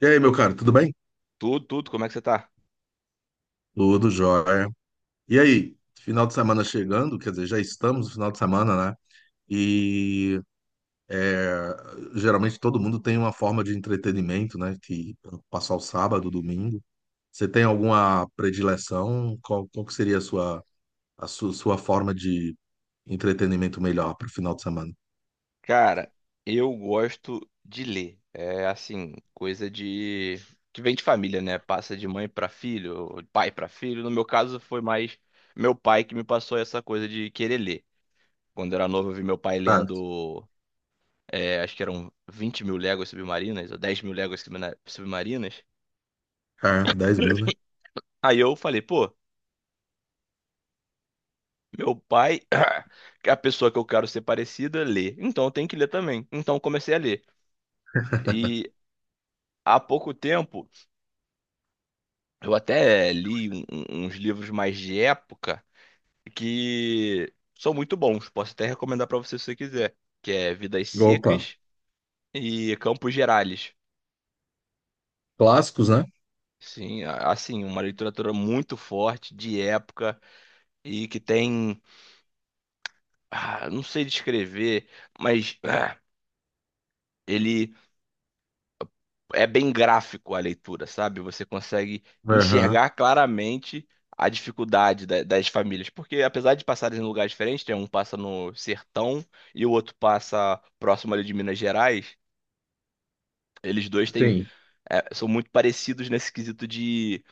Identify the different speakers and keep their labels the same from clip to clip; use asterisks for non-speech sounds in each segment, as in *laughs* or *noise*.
Speaker 1: E aí, meu caro, tudo bem?
Speaker 2: Tudo, tudo, como é que você tá?
Speaker 1: Tudo jóia. E aí, final de semana chegando, quer dizer, já estamos no final de semana, né? E é, Geralmente todo mundo tem uma forma de entretenimento, né? Que passar o sábado, o domingo. Você tem alguma predileção? Qual que seria a sua, a su- sua, forma de entretenimento melhor para o final de semana?
Speaker 2: Cara, eu gosto de ler. É assim, coisa de que vem de família, né? Passa de mãe pra filho, ou de pai pra filho. No meu caso, foi mais meu pai que me passou essa coisa de querer ler. Quando eu era novo, eu vi meu pai
Speaker 1: Tá.
Speaker 2: lendo, acho que eram 20 mil léguas submarinas, ou 10 mil léguas submarinas.
Speaker 1: É, 10 mil, né?
Speaker 2: Aí eu falei, pô, meu pai, *clears throat* que é a pessoa que eu quero ser parecida, lê. Então eu tenho que ler também. Então eu comecei a ler. E há pouco tempo. Eu até li uns livros mais de época que são muito bons. Posso até recomendar para você se você quiser, que é Vidas
Speaker 1: Opa,
Speaker 2: Secas e Campos Gerais.
Speaker 1: clássicos, né?
Speaker 2: Sim, assim, uma literatura muito forte de época e que tem, não sei descrever, mas ele é bem gráfico a leitura, sabe? Você consegue
Speaker 1: Aham.
Speaker 2: enxergar claramente a dificuldade das famílias, porque apesar de passarem em lugares diferentes, né, um passa no sertão e o outro passa próximo ali de Minas Gerais. Eles dois têm,
Speaker 1: Sim.
Speaker 2: é, são muito parecidos nesse quesito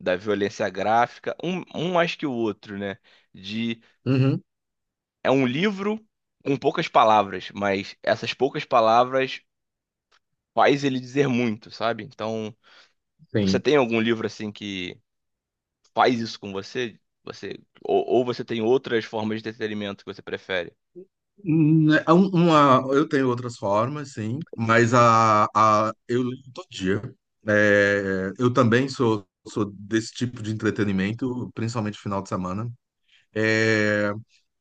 Speaker 2: da violência gráfica, um mais que o outro, né? De,
Speaker 1: Uhum,
Speaker 2: é um livro com poucas palavras, mas essas poucas palavras faz ele dizer muito, sabe? Então, você
Speaker 1: sim.
Speaker 2: tem algum livro assim que faz isso com você, você ou você tem outras formas de entretenimento que você prefere?
Speaker 1: Né, eu tenho outras formas, sim, mas eu leio todo dia. É, eu também sou desse tipo de entretenimento, principalmente final de semana. É,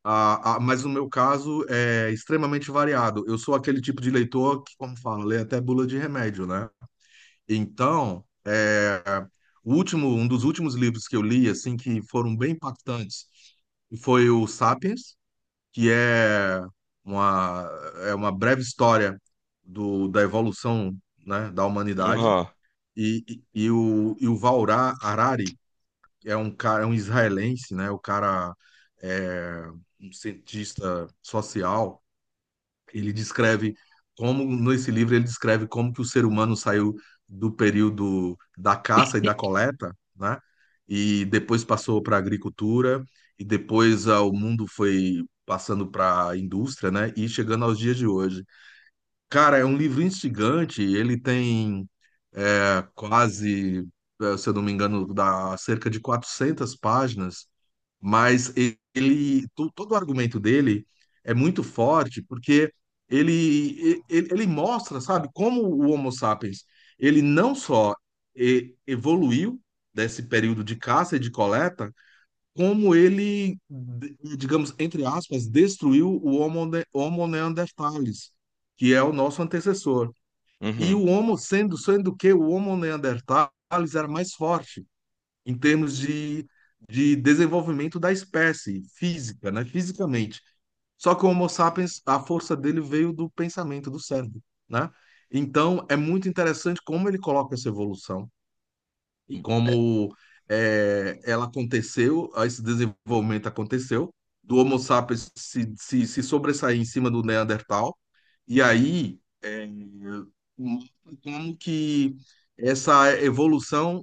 Speaker 1: mas no meu caso é extremamente variado. Eu sou aquele tipo de leitor que, como fala, lê até bula de remédio, né? Então, o último, um dos últimos livros que eu li, assim, que foram bem impactantes, foi o Sapiens, que é uma, uma breve história da evolução, né, da humanidade.
Speaker 2: Aham,
Speaker 1: E o Vaurá Harari é um cara, é um israelense, né? O cara é um cientista social. Ele descreve como, nesse livro, ele descreve como que o ser humano saiu do período da caça e da coleta, né? E depois passou para a agricultura, e depois o mundo foi passando para a indústria, né? E chegando aos dias de hoje. Cara, é um livro instigante, ele tem quase, se eu não me engano, dá cerca de 400 páginas, mas ele, todo o argumento dele é muito forte porque ele mostra, sabe, como o Homo sapiens, ele não só evoluiu desse período de caça e de coleta, como ele, digamos, entre aspas, destruiu o Homo neanderthalis, que é o nosso antecessor.
Speaker 2: uhum,
Speaker 1: Sendo que o Homo neanderthalis era mais forte em termos de desenvolvimento da espécie física, né? Fisicamente. Só que o Homo sapiens, a força dele veio do pensamento, do cérebro, né? Então, é muito interessante como ele coloca essa evolução e
Speaker 2: é,
Speaker 1: como ela aconteceu, esse desenvolvimento aconteceu, do Homo sapiens se sobressair em cima do Neandertal, e aí como que essa evolução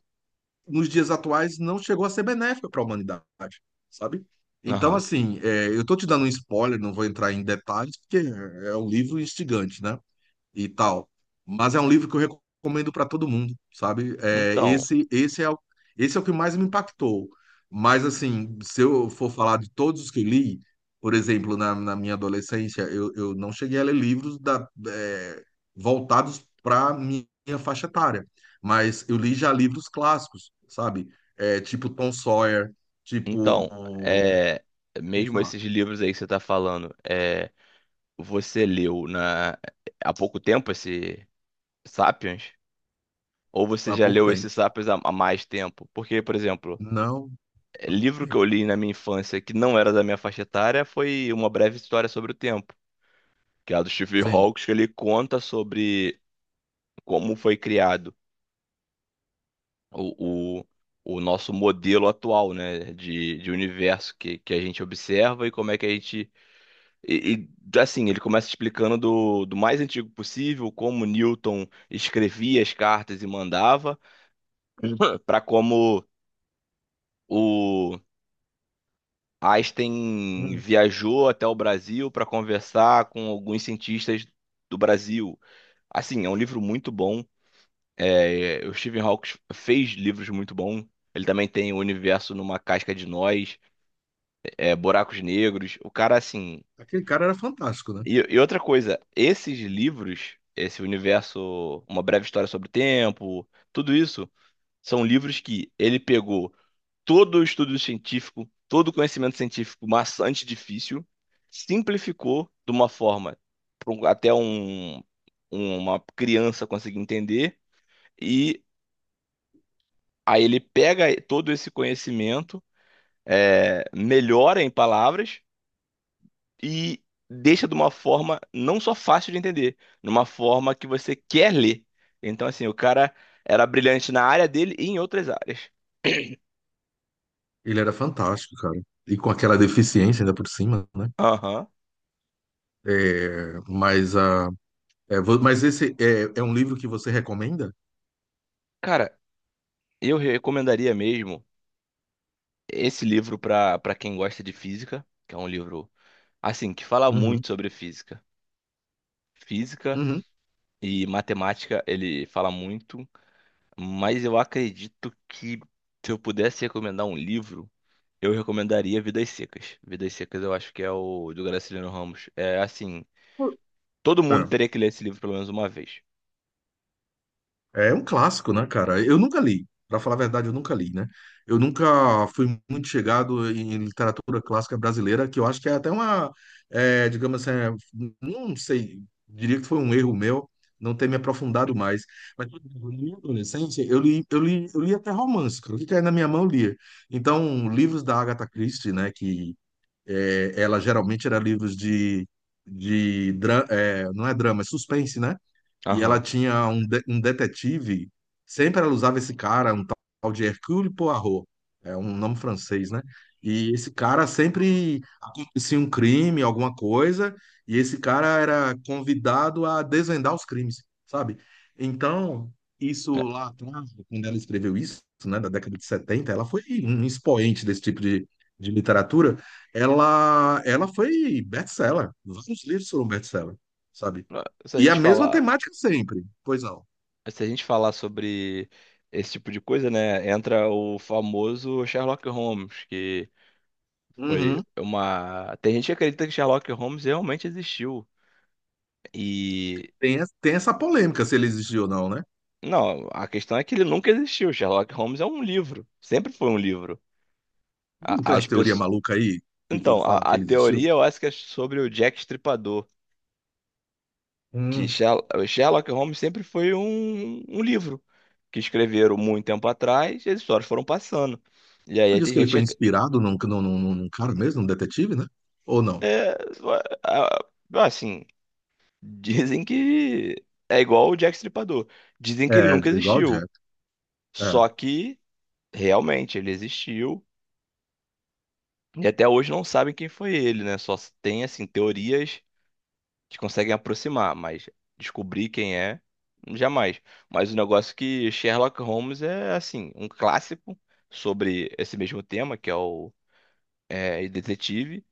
Speaker 1: nos dias atuais não chegou a ser benéfica para a humanidade, sabe? Então,
Speaker 2: aham.
Speaker 1: assim, eu estou te dando um spoiler, não vou entrar em detalhes, porque é um livro instigante, né? E tal. Mas é um livro que eu recomendo para todo mundo, sabe? É,
Speaker 2: Então,
Speaker 1: esse é o que mais me impactou. Mas, assim, se eu for falar de todos os que eu li, por exemplo, na minha adolescência, eu não cheguei a ler livros voltados para minha faixa etária. Mas eu li já livros clássicos, sabe? É, tipo Tom Sawyer, tipo.
Speaker 2: então, é,
Speaker 1: Vou
Speaker 2: mesmo
Speaker 1: falar,
Speaker 2: esses livros aí que você tá falando, é, você leu há pouco tempo esse Sapiens? Ou você
Speaker 1: há
Speaker 2: já
Speaker 1: pouco
Speaker 2: leu esse
Speaker 1: tempo.
Speaker 2: Sapiens há mais tempo? Porque, por exemplo,
Speaker 1: Não,
Speaker 2: é,
Speaker 1: há pouco
Speaker 2: livro que
Speaker 1: tempo.
Speaker 2: eu li na minha infância que não era da minha faixa etária foi Uma Breve História sobre o Tempo, que é a do Steve
Speaker 1: Sim.
Speaker 2: Hawkes, que ele conta sobre como foi criado o, o, o nosso modelo atual, né, de universo que a gente observa e como é que a gente. E, e, assim, ele começa explicando do mais antigo possível, como Newton escrevia as cartas e mandava, *laughs* para como o. Einstein
Speaker 1: Hum.
Speaker 2: viajou até o Brasil para conversar com alguns cientistas do Brasil. Assim, é um livro muito bom. É, o Stephen Hawking fez livros muito bons. Ele também tem o Universo numa Casca de Nós. É, Buracos Negros. O cara, assim.
Speaker 1: Aquele cara era fantástico, né?
Speaker 2: E outra coisa, esses livros, esse universo, Uma Breve História sobre o Tempo, tudo isso, são livros que ele pegou todo o estudo científico, todo o conhecimento científico maçante e difícil, simplificou de uma forma até um, uma criança conseguir entender, e aí ele pega todo esse conhecimento, é, melhora em palavras e deixa de uma forma não só fácil de entender, numa forma que você quer ler. Então, assim, o cara era brilhante na área dele e em outras áreas.
Speaker 1: Ele era fantástico, cara. E com aquela deficiência ainda por cima, né?
Speaker 2: Aham.
Speaker 1: É, mas a, mas esse é, é um livro que você recomenda?
Speaker 2: Cara, eu recomendaria mesmo esse livro para quem gosta de física, que é um livro, assim, que fala
Speaker 1: Uhum,
Speaker 2: muito sobre física. Física
Speaker 1: uhum.
Speaker 2: e matemática, ele fala muito, mas eu acredito que se eu pudesse recomendar um livro. Eu recomendaria Vidas Secas. Vidas Secas eu acho que é o do Graciliano Ramos. É assim, todo mundo teria que ler esse livro pelo menos uma vez.
Speaker 1: É um clássico, né, cara? Eu nunca li. Pra falar a verdade, eu nunca li, né? Eu nunca fui muito chegado em literatura clássica brasileira, que eu acho que é até digamos assim, não sei, diria que foi um erro meu não ter me aprofundado mais. Mas por exemplo, na minha adolescência, eu li até romance, cara. O que caía na minha mão eu lia. Então, livros da Agatha Christie, né, que ela geralmente era livros de não é drama, é suspense, né? E ela
Speaker 2: Aham.
Speaker 1: tinha um detetive, sempre ela usava esse cara, um tal de Hercule Poirot, é um nome francês, né? E esse cara sempre acontecia um crime, alguma coisa, e esse cara era convidado a desvendar os crimes, sabe? Então, isso lá atrás, quando ela escreveu isso, né, da década de setenta, ela foi um expoente desse tipo de literatura. Ela foi best-seller. Vários livros foram best-seller, sabe?
Speaker 2: É,
Speaker 1: E a mesma temática sempre. Pois não.
Speaker 2: se a gente falar sobre esse tipo de coisa, né, entra o famoso Sherlock Holmes, que foi
Speaker 1: Uhum.
Speaker 2: uma... Tem gente que acredita que Sherlock Holmes realmente existiu. E
Speaker 1: Tem essa polêmica se ele existiu ou não, né?
Speaker 2: não, a questão é que ele nunca existiu. Sherlock Holmes é um livro, sempre foi um livro.
Speaker 1: Não tem umas
Speaker 2: As
Speaker 1: teorias
Speaker 2: pessoas.
Speaker 1: malucas aí que
Speaker 2: Então,
Speaker 1: fala que
Speaker 2: a
Speaker 1: ele existiu?
Speaker 2: teoria eu acho que é sobre o Jack Estripador, que
Speaker 1: Hum.
Speaker 2: O Sherlock Holmes sempre foi um, um livro que escreveram muito tempo atrás e as histórias foram passando. E aí
Speaker 1: Diz
Speaker 2: tem
Speaker 1: que ele
Speaker 2: gente
Speaker 1: foi
Speaker 2: que,
Speaker 1: inspirado num cara mesmo, num detetive, né? Ou não?
Speaker 2: é, a- assim, *laughs* dizem que é igual o Jack Estripador. Dizem que ele
Speaker 1: É,
Speaker 2: nunca
Speaker 1: igual o Jack.
Speaker 2: existiu,
Speaker 1: É,
Speaker 2: só que realmente ele existiu e até hoje não sabem quem foi ele, né? Só tem, assim, teorias. Eles conseguem aproximar, mas descobrir quem é, jamais. Mas o negócio é que Sherlock Holmes é, assim, um clássico sobre esse mesmo tema, que é o é, Detetive.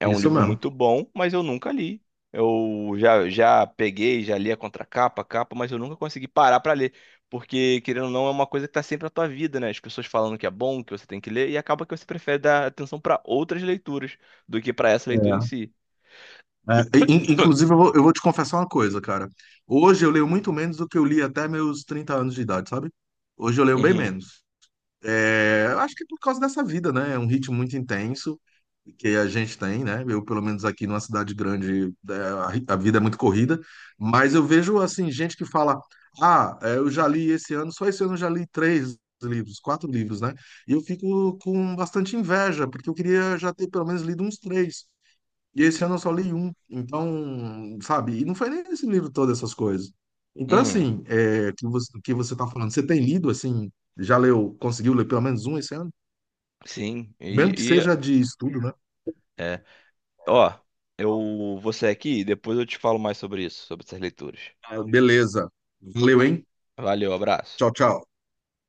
Speaker 2: É um
Speaker 1: isso
Speaker 2: livro
Speaker 1: mesmo.
Speaker 2: muito bom, mas eu nunca li. Eu já peguei, já li a contracapa, a capa, mas eu nunca consegui parar pra ler. Porque, querendo ou não, é uma coisa que tá sempre na tua vida, né? As pessoas falando que é bom, que você tem que ler, e acaba que você prefere dar atenção pra outras leituras do que pra essa leitura em
Speaker 1: É.
Speaker 2: si.
Speaker 1: Inclusive, eu vou te confessar uma coisa, cara. Hoje eu leio muito menos do que eu li até meus 30 anos de idade, sabe? Hoje eu leio bem
Speaker 2: Uhum,
Speaker 1: menos. É, acho que é por causa dessa vida, né? É um ritmo muito intenso que a gente tem, né? Eu, pelo menos aqui numa cidade grande, a vida é muito corrida, mas eu vejo, assim, gente que fala: Ah, é, eu já li esse ano, só esse ano eu já li três livros, quatro livros, né? E eu fico com bastante inveja, porque eu queria já ter pelo menos lido uns três. E esse ano eu só li um. Então, sabe, e não foi nem esse livro todas essas coisas. Então,
Speaker 2: uhum.
Speaker 1: assim, que você tá falando, você tem lido, assim, já leu, conseguiu ler pelo menos um esse ano?
Speaker 2: Sim,
Speaker 1: Mesmo que
Speaker 2: e,
Speaker 1: seja de estudo, né?
Speaker 2: é. Ó, eu vou sair aqui e depois eu te falo mais sobre isso, sobre essas leituras.
Speaker 1: Ah, beleza. Valeu, hein?
Speaker 2: Valeu, abraço.
Speaker 1: Tchau, tchau.